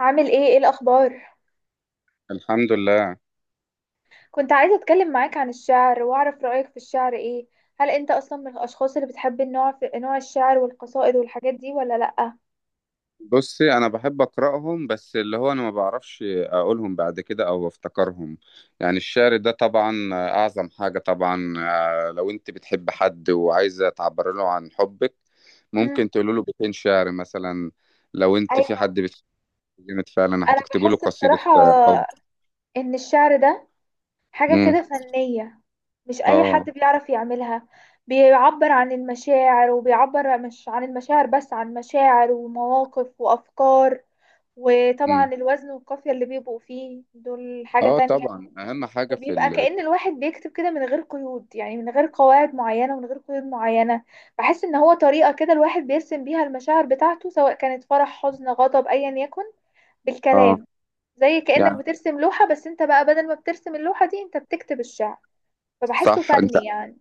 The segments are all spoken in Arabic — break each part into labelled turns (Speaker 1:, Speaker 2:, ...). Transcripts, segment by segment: Speaker 1: عامل ايه الاخبار؟
Speaker 2: الحمد لله.
Speaker 1: كنت عايزه اتكلم معاك عن الشعر، واعرف رايك في الشعر ايه. هل انت اصلا من الاشخاص اللي بتحب في نوع الشعر والقصائد والحاجات دي ولا لا؟
Speaker 2: بصي، انا بحب اقراهم، بس اللي هو انا ما بعرفش اقولهم بعد كده او افتكرهم. يعني الشعر ده طبعا اعظم حاجة طبعا، لو انت بتحب حد وعايزة تعبر له عن حبك
Speaker 1: امم.
Speaker 2: ممكن تقول له بيتين شعر مثلا. لو انت في
Speaker 1: ايوه.
Speaker 2: حد بتحب جامد فعلا
Speaker 1: انا
Speaker 2: هتكتبي له
Speaker 1: بحس
Speaker 2: قصيدة
Speaker 1: بصراحه
Speaker 2: حب.
Speaker 1: ان الشعر ده حاجه
Speaker 2: امم.
Speaker 1: كده فنيه، مش اي حد
Speaker 2: اه.
Speaker 1: بيعرف يعملها. بيعبر عن المشاعر، وبيعبر مش عن المشاعر بس، عن مشاعر ومواقف وافكار.
Speaker 2: امم.
Speaker 1: وطبعا الوزن والقافيه اللي بيبقوا فيه دول حاجه
Speaker 2: اه
Speaker 1: تانية.
Speaker 2: طبعا اهم حاجة
Speaker 1: بيبقى كأن الواحد بيكتب كده من غير قيود، يعني من غير قواعد معينة ومن غير قيود معينة. بحس ان هو طريقة كده الواحد بيرسم بيها المشاعر بتاعته، سواء كانت فرح، حزن، غضب، ايا يكن،
Speaker 2: اه،
Speaker 1: بالكلام. زي كأنك
Speaker 2: يعني
Speaker 1: بترسم لوحة، بس انت بقى بدل ما بترسم اللوحة دي انت بتكتب الشعر. فبحسه
Speaker 2: صح. انت
Speaker 1: فني يعني.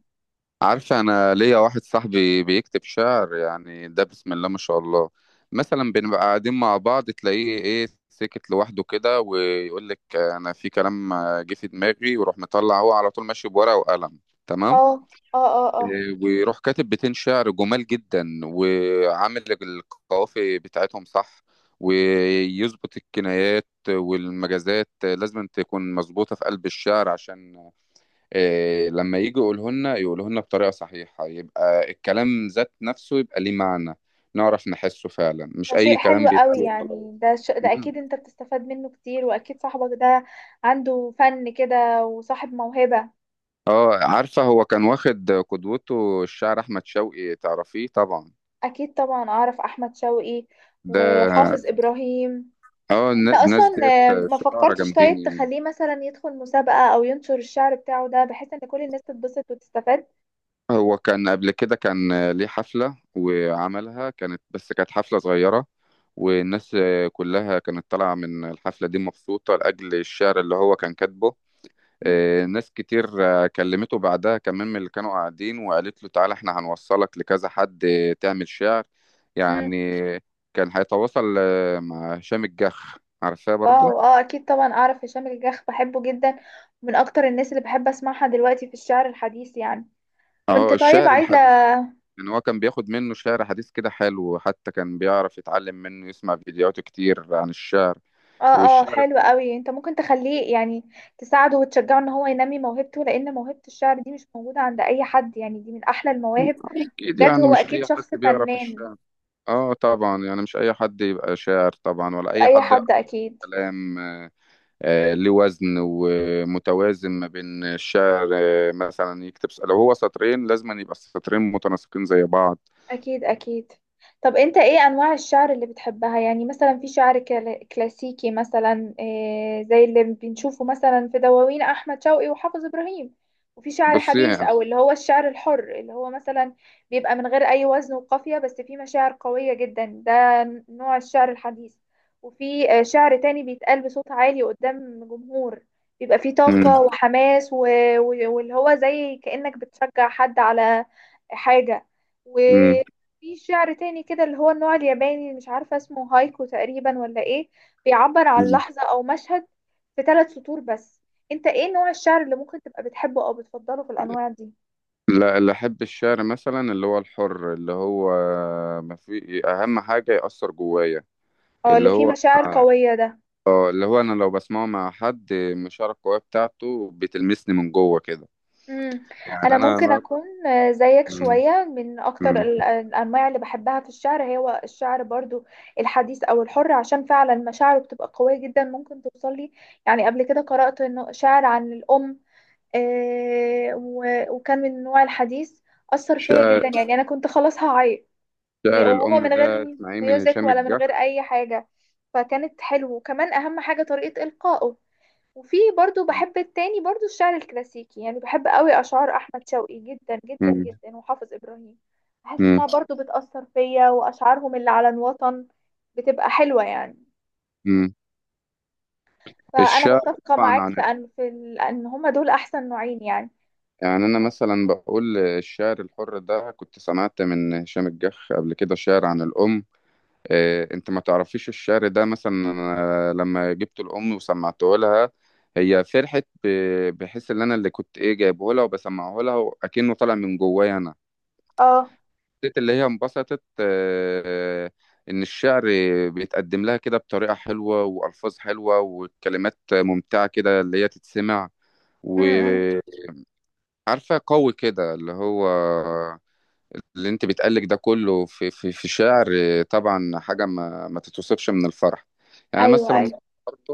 Speaker 2: عارفة، أنا ليا واحد صاحبي بيكتب شعر، يعني ده بسم الله ما شاء الله. مثلا بنبقى قاعدين مع بعض تلاقيه إيه سكت لوحده كده، ويقول لك أنا في كلام جه في دماغي، ويروح مطلع هو على طول ماشي بورقة وقلم. تمام.
Speaker 1: اه، اه، اه، اه.
Speaker 2: إيه، ويروح كاتب بيتين شعر جمال جدا، وعامل القوافي بتاعتهم صح، ويظبط الكنايات والمجازات، لازم تكون مظبوطة في قلب الشعر عشان إيه لما يجي يقوله لنا يقوله لنا بطريقة صحيحة يبقى الكلام ذات نفسه يبقى ليه معنى، نعرف نحسه فعلا، مش
Speaker 1: ده
Speaker 2: أي
Speaker 1: شيء
Speaker 2: كلام
Speaker 1: حلو قوي
Speaker 2: بيتقال وخلاص.
Speaker 1: يعني. ده
Speaker 2: مم.
Speaker 1: اكيد انت بتستفاد منه كتير، واكيد صاحبك ده عنده فن كده وصاحب موهبة.
Speaker 2: اه، عارفة هو كان واخد قدوته الشاعر أحمد شوقي، تعرفيه طبعا.
Speaker 1: اكيد طبعا اعرف احمد شوقي
Speaker 2: ده
Speaker 1: وحافظ ابراهيم.
Speaker 2: اه،
Speaker 1: انت
Speaker 2: الناس
Speaker 1: اصلا،
Speaker 2: ديت
Speaker 1: ما
Speaker 2: شعراء
Speaker 1: فكرتش
Speaker 2: جامدين
Speaker 1: طيب
Speaker 2: يعني.
Speaker 1: تخليه مثلا يدخل مسابقة او ينشر الشعر بتاعه ده، بحيث ان كل الناس تتبسط وتستفاد؟
Speaker 2: هو كان قبل كده كان ليه حفلة وعملها، كانت بس كانت حفلة صغيرة، والناس كلها كانت طالعة من الحفلة دي مبسوطة لأجل الشعر اللي هو كان كاتبه.
Speaker 1: مم.
Speaker 2: ناس كتير، كلمته بعدها كمان من اللي كانوا قاعدين وقالت له تعالى احنا هنوصلك لكذا حد، تعمل شعر.
Speaker 1: مم.
Speaker 2: يعني كان هيتواصل مع هشام الجح، عارفاه برضه.
Speaker 1: واو، اه، اكيد طبعا اعرف هشام الجاخ، بحبه جدا. من اكتر الناس اللي بحب اسمعها دلوقتي في الشعر الحديث يعني. كنت
Speaker 2: اه
Speaker 1: طيب
Speaker 2: الشعر
Speaker 1: عايزة.
Speaker 2: الحديث. يعني هو كان بياخد منه شعر حديث كده حلو، حتى كان بيعرف يتعلم منه يسمع فيديوهات كتير عن الشعر
Speaker 1: اه، اه،
Speaker 2: والشعر.
Speaker 1: حلو قوي. انت ممكن تخليه يعني تساعده وتشجعه ان هو ينمي موهبته، لان موهبة الشعر دي مش موجودة عند اي حد يعني، دي من احلى المواهب.
Speaker 2: اكيد
Speaker 1: بجد
Speaker 2: يعني
Speaker 1: هو
Speaker 2: مش
Speaker 1: اكيد
Speaker 2: اي حد
Speaker 1: شخص
Speaker 2: بيعرف
Speaker 1: فنان.
Speaker 2: الشعر. اه طبعا، يعني مش اي حد يبقى شاعر طبعا ولا
Speaker 1: مش
Speaker 2: اي
Speaker 1: اي
Speaker 2: حد يعرف
Speaker 1: حد. اكيد
Speaker 2: كلام ليه وزن ومتوازن ما بين الشعر، مثلا لو هو سطرين لازم أن يبقى السطرين متناسقين زي بعض.
Speaker 1: اكيد اكيد. طب انت ايه انواع الشعر اللي بتحبها؟ يعني مثلا في شعر كلاسيكي، مثلا إيه، زي اللي بنشوفه مثلا في دواوين احمد شوقي وحافظ ابراهيم. وفي شعر
Speaker 2: بصي
Speaker 1: حديث
Speaker 2: يعني.
Speaker 1: او اللي هو الشعر الحر، اللي هو مثلا بيبقى من غير اي وزن وقافية، بس فيه مشاعر قوية جدا، ده نوع الشعر الحديث. وفي شعر تاني بيتقال بصوت عالي قدام جمهور، بيبقى فيه
Speaker 2: مم.
Speaker 1: طاقة وحماس واللي هو زي كأنك بتشجع حد على حاجة.
Speaker 2: مم.
Speaker 1: في شعر تاني كده اللي هو النوع الياباني اللي مش عارفة اسمه، هايكو تقريبا ولا ايه، بيعبر عن
Speaker 2: مم.
Speaker 1: لحظة او مشهد في ثلاث سطور بس. انت ايه نوع الشعر اللي ممكن تبقى بتحبه او بتفضله في الانواع دي؟
Speaker 2: لا، اللي أحب الشعر مثلا اللي هو الحر، اللي هو ما في أهم حاجة يأثر جوايا.
Speaker 1: اه، اللي
Speaker 2: اللي
Speaker 1: فيه
Speaker 2: هو
Speaker 1: مشاعر قوية ده.
Speaker 2: اه اللي هو أنا لو بسمعه مع حد من الشعر القوية بتاعته بتلمسني من جوه كده.
Speaker 1: امم.
Speaker 2: يعني
Speaker 1: انا
Speaker 2: أنا
Speaker 1: ممكن
Speaker 2: مرة.
Speaker 1: اكون زيك
Speaker 2: مم.
Speaker 1: شوية. من اكتر
Speaker 2: مم.
Speaker 1: الانواع اللي بحبها في الشعر هو الشعر برضو الحديث او الحر، عشان فعلا مشاعره بتبقى قوية جدا، ممكن توصل لي. يعني قبل كده قرأت انه شعر عن الام، وكان من نوع الحديث. أثر فيا
Speaker 2: شعر
Speaker 1: جدا، يعني أنا كنت خلاص هعيط.
Speaker 2: شعر
Speaker 1: وهو
Speaker 2: الأم
Speaker 1: من غير
Speaker 2: ده اسمعيه من
Speaker 1: ميوزك،
Speaker 2: هشام
Speaker 1: ولا من
Speaker 2: الجح.
Speaker 1: غير أي حاجة، فكانت حلوة، وكمان أهم حاجة طريقة إلقائه. وفي برضو بحب التاني برضو الشعر الكلاسيكي، يعني بحب قوي أشعار أحمد شوقي جدا جدا
Speaker 2: مم.
Speaker 1: جدا، وحافظ إبراهيم. بحس
Speaker 2: مم.
Speaker 1: إنها برضو بتأثر فيا، وأشعارهم اللي على الوطن بتبقى حلوة يعني.
Speaker 2: مم.
Speaker 1: فأنا
Speaker 2: الشعر
Speaker 1: متفقة
Speaker 2: طبعا
Speaker 1: معاك
Speaker 2: عن،
Speaker 1: في أن في ال- إن هما دول أحسن نوعين يعني.
Speaker 2: يعني انا مثلا بقول الشعر الحر ده كنت سمعت من هشام الجح قبل كده شعر عن الام. إيه، انت ما تعرفيش الشعر ده؟ مثلا أنا لما جبت الام وسمعته لها، هي فرحت، بحس ان انا اللي كنت ايه جايبه لها وبسمعه لها، وأكنه طالع من جوايا انا.
Speaker 1: اه.
Speaker 2: حسيت اللي هي انبسطت، ان الشعر بيتقدم لها كده بطريقة حلوة والفاظ حلوة وكلمات ممتعة كده اللي هي تتسمع.
Speaker 1: م.
Speaker 2: عارفة قوي كده اللي هو، اللي انت بتقلك ده كله في شعر. طبعا حاجة ما تتوصفش من الفرح. يعني
Speaker 1: أيوه،
Speaker 2: مثلا
Speaker 1: أيوه.
Speaker 2: برضه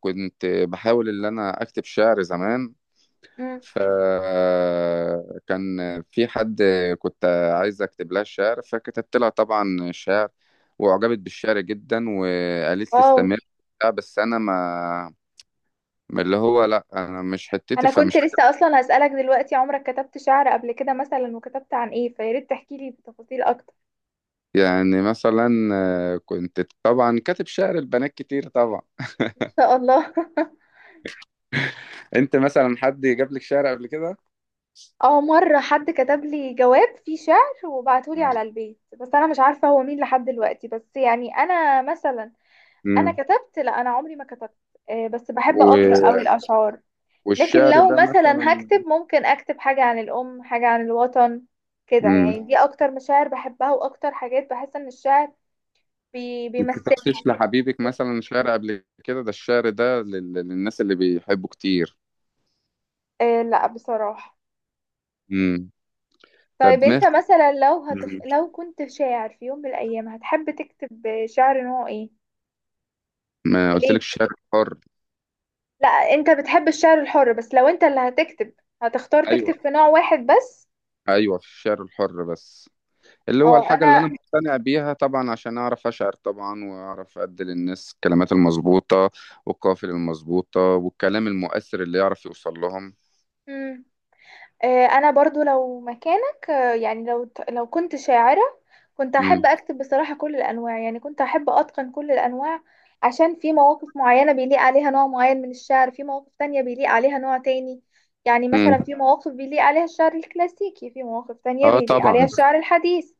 Speaker 2: كنت بحاول ان انا اكتب شعر زمان،
Speaker 1: مم.
Speaker 2: فكان في حد، كنت عايز اكتب لها شعر فكتبت لها طبعا شعر، واعجبت بالشعر جدا وقالت لي
Speaker 1: واو.
Speaker 2: استمر وبتاع، بس انا ما اللي هو لا انا مش حتتي
Speaker 1: انا كنت
Speaker 2: فمش.
Speaker 1: لسه اصلا هسألك دلوقتي، عمرك كتبت شعر قبل كده مثلا؟ وكتبت عن ايه؟ فيا ريت تحكي لي بتفاصيل اكتر.
Speaker 2: يعني مثلا كنت طبعا كاتب شعر البنات كتير طبعا.
Speaker 1: ان شاء الله.
Speaker 2: انت مثلا حد جاب لك شعر قبل كده؟
Speaker 1: اه، مرة حد كتب لي جواب فيه شعر وبعته لي على البيت، بس انا مش عارفة هو مين لحد دلوقتي. بس يعني انا مثلا، انا
Speaker 2: امم.
Speaker 1: كتبت، لا انا عمري ما كتبت. بس بحب اقرأ قوي
Speaker 2: و...
Speaker 1: الاشعار. لكن
Speaker 2: والشعر
Speaker 1: لو
Speaker 2: ده
Speaker 1: مثلا
Speaker 2: مثلا.
Speaker 1: هكتب، ممكن اكتب حاجة عن الام، حاجة عن الوطن، كده
Speaker 2: امم.
Speaker 1: يعني. دي اكتر مشاعر بحبها، واكتر حاجات بحس ان الشعر بيمثلني.
Speaker 2: كتبتش لحبيبك مثلا شعر قبل كده؟ ده الشعر ده للناس اللي بيحبوا كتير.
Speaker 1: آه، لا بصراحة.
Speaker 2: امم. طب
Speaker 1: طيب
Speaker 2: ما
Speaker 1: انت مثلا،
Speaker 2: مم.
Speaker 1: لو كنت شاعر في يوم من الايام، هتحب تكتب شعر نوع ايه؟
Speaker 2: ما قلت
Speaker 1: وليه؟
Speaker 2: لك الشعر الحر.
Speaker 1: لا انت بتحب الشعر الحر، بس لو انت اللي هتكتب، هتختار تكتب
Speaker 2: ايوه،
Speaker 1: في نوع واحد بس؟
Speaker 2: ايوه الشعر الحر بس، اللي هو
Speaker 1: اه.
Speaker 2: الحاجة اللي أنا
Speaker 1: انا.
Speaker 2: مقتنع بيها طبعا عشان أعرف أشعر طبعا، وأعرف أدي للناس الكلمات المظبوطة والقافية المظبوطة والكلام المؤثر اللي يعرف يوصل لهم.
Speaker 1: مم. انا برضو لو مكانك، يعني لو كنت شاعرة، كنت
Speaker 2: مم.
Speaker 1: احب اكتب بصراحة كل الانواع، يعني كنت احب اتقن كل الانواع، عشان في مواقف معينة بيليق عليها نوع معين من الشعر، في مواقف تانية بيليق عليها نوع تاني. يعني
Speaker 2: مم.
Speaker 1: مثلا في مواقف بيليق عليها الشعر الكلاسيكي، في مواقف تانية
Speaker 2: اه
Speaker 1: بيليق عليها
Speaker 2: طبعا.
Speaker 1: الشعر الحديث،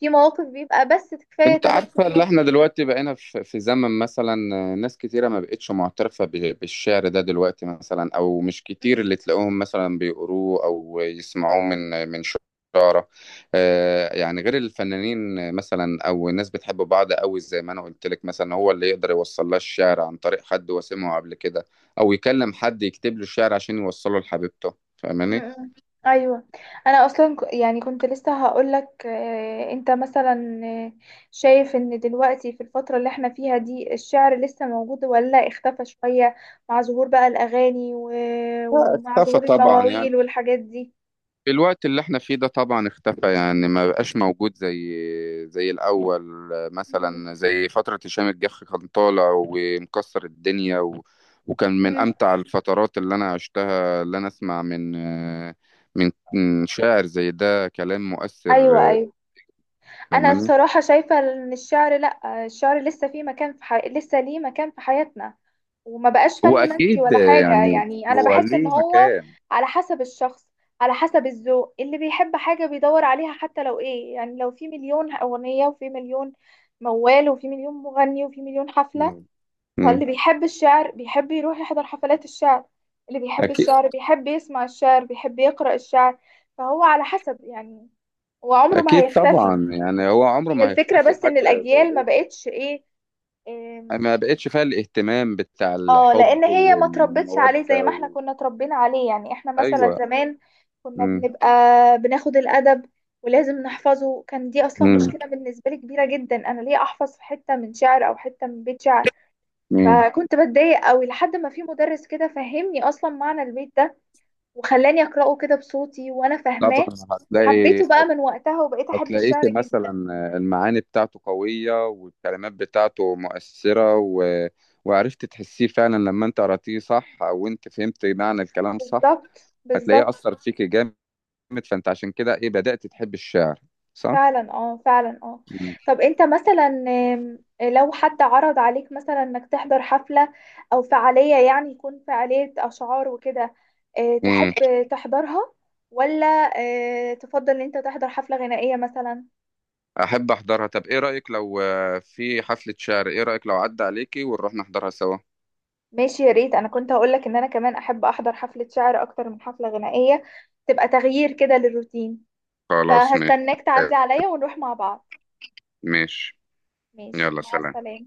Speaker 1: في مواقف بيبقى بس كفاية
Speaker 2: انت
Speaker 1: ثلاث
Speaker 2: عارفة اللي
Speaker 1: سطور.
Speaker 2: احنا دلوقتي بقينا في زمن، مثلا ناس كتيرة ما بقتش معترفة بالشعر ده دلوقتي، مثلا او مش كتير اللي تلاقوهم مثلا بيقروه او يسمعوه من شعراء، يعني غير الفنانين مثلا، او ناس بتحب بعض قوي، زي ما انا قلت لك مثلا هو اللي يقدر يوصل لها الشعر عن طريق حد وسمعه قبل كده، او يكلم حد يكتب له الشعر عشان يوصله لحبيبته. فاهماني؟
Speaker 1: مم. ايوه. انا اصلا يعني كنت لسه هقول لك، انت مثلا شايف ان دلوقتي في الفتره اللي احنا فيها دي الشعر لسه موجود ولا اختفى شويه، مع ظهور بقى الاغاني
Speaker 2: لا،
Speaker 1: ومع
Speaker 2: اختفى
Speaker 1: ظهور
Speaker 2: طبعا يعني.
Speaker 1: المواويل والحاجات دي؟
Speaker 2: الوقت اللي احنا فيه ده طبعا اختفى، يعني ما بقاش موجود زي الأول.
Speaker 1: مم.
Speaker 2: مثلا زي فترة هشام الجح كان طالع ومكسر الدنيا، و... وكان من
Speaker 1: مم.
Speaker 2: أمتع الفترات اللي أنا عشتها اللي أنا أسمع من من شاعر زي ده كلام مؤثر.
Speaker 1: ايوه، ايوه. انا
Speaker 2: فاهمني.
Speaker 1: بصراحه شايفه ان الشعر، لا، الشعر لسه فيه مكان في لسه ليه مكان في حياتنا، وما بقاش
Speaker 2: هو
Speaker 1: فن منسي
Speaker 2: أكيد،
Speaker 1: ولا حاجة،
Speaker 2: يعني
Speaker 1: يعني أنا
Speaker 2: هو
Speaker 1: بحس إن
Speaker 2: ليه
Speaker 1: هو
Speaker 2: مكان.
Speaker 1: على حسب الشخص، على حسب الذوق، اللي بيحب حاجة بيدور عليها. حتى لو إيه يعني، لو في مليون أغنية وفي مليون موال وفي مليون مغني وفي مليون حفلة،
Speaker 2: مم.
Speaker 1: فاللي بيحب الشعر بيحب يروح يحضر حفلات الشعر، اللي بيحب
Speaker 2: أكيد.
Speaker 1: الشعر بيحب يسمع الشعر، بيحب يقرأ الشعر. فهو على حسب يعني، وعمره ما
Speaker 2: أكيد
Speaker 1: هيختفي.
Speaker 2: طبعا، يعني هو عمره
Speaker 1: هي
Speaker 2: ما
Speaker 1: الفكرة
Speaker 2: هيختفي
Speaker 1: بس
Speaker 2: حاجة
Speaker 1: إن
Speaker 2: زي
Speaker 1: الأجيال ما
Speaker 2: ده.
Speaker 1: بقتش إيه.
Speaker 2: ما بقتش فيها الاهتمام بتاع
Speaker 1: اه،
Speaker 2: الحب
Speaker 1: لان هي ما تربتش عليه زي
Speaker 2: والمودة
Speaker 1: ما احنا
Speaker 2: و...
Speaker 1: كنا اتربينا عليه، يعني احنا مثلا
Speaker 2: أيوة.
Speaker 1: زمان كنا
Speaker 2: مم.
Speaker 1: بنبقى بناخد الادب ولازم نحفظه. كان دي اصلا
Speaker 2: مم.
Speaker 1: مشكله بالنسبه لي كبيره جدا، انا ليه احفظ في حته من شعر او حته من بيت شعر؟
Speaker 2: مم.
Speaker 1: فكنت بتضايق قوي، لحد ما في مدرس كده فهمني اصلا معنى البيت ده، وخلاني اقراه كده بصوتي وانا
Speaker 2: طبعا
Speaker 1: فاهماه.
Speaker 2: هتلاقي
Speaker 1: حبيته بقى من وقتها، وبقيت احب
Speaker 2: هتلاقيك
Speaker 1: الشعر جدا.
Speaker 2: مثلا المعاني بتاعته قوية والكلمات بتاعته مؤثرة و... وعرفت تحسيه فعلا لما انت قرأتيه صح، أو انت فهمت معنى الكلام صح،
Speaker 1: بالظبط
Speaker 2: هتلاقيه
Speaker 1: بالظبط.
Speaker 2: أثر فيك جامد. فانت عشان كده ايه بدأت تحب الشعر، صح؟
Speaker 1: فعلا، اه، فعلا، اه. طب انت مثلا، لو حد عرض عليك مثلا انك تحضر حفلة او فعالية، يعني يكون فعالية اشعار وكده،
Speaker 2: مم.
Speaker 1: تحب تحضرها؟ ولا تفضل ان انت تحضر حفلة غنائية مثلا؟
Speaker 2: احب احضرها. طب ايه رايك لو في حفله شعر، ايه رايك لو عدى عليكي ونروح نحضرها سوا؟
Speaker 1: ماشي، يا ريت، انا كنت هقولك ان انا كمان احب احضر حفلة شعر اكتر من حفلة غنائية، تبقى تغيير كده للروتين.
Speaker 2: خلاص ماشي.
Speaker 1: فهستناك تعدي عليا ونروح مع بعض.
Speaker 2: ماشي،
Speaker 1: ماشي،
Speaker 2: يلا
Speaker 1: مع
Speaker 2: سلام.
Speaker 1: السلامة.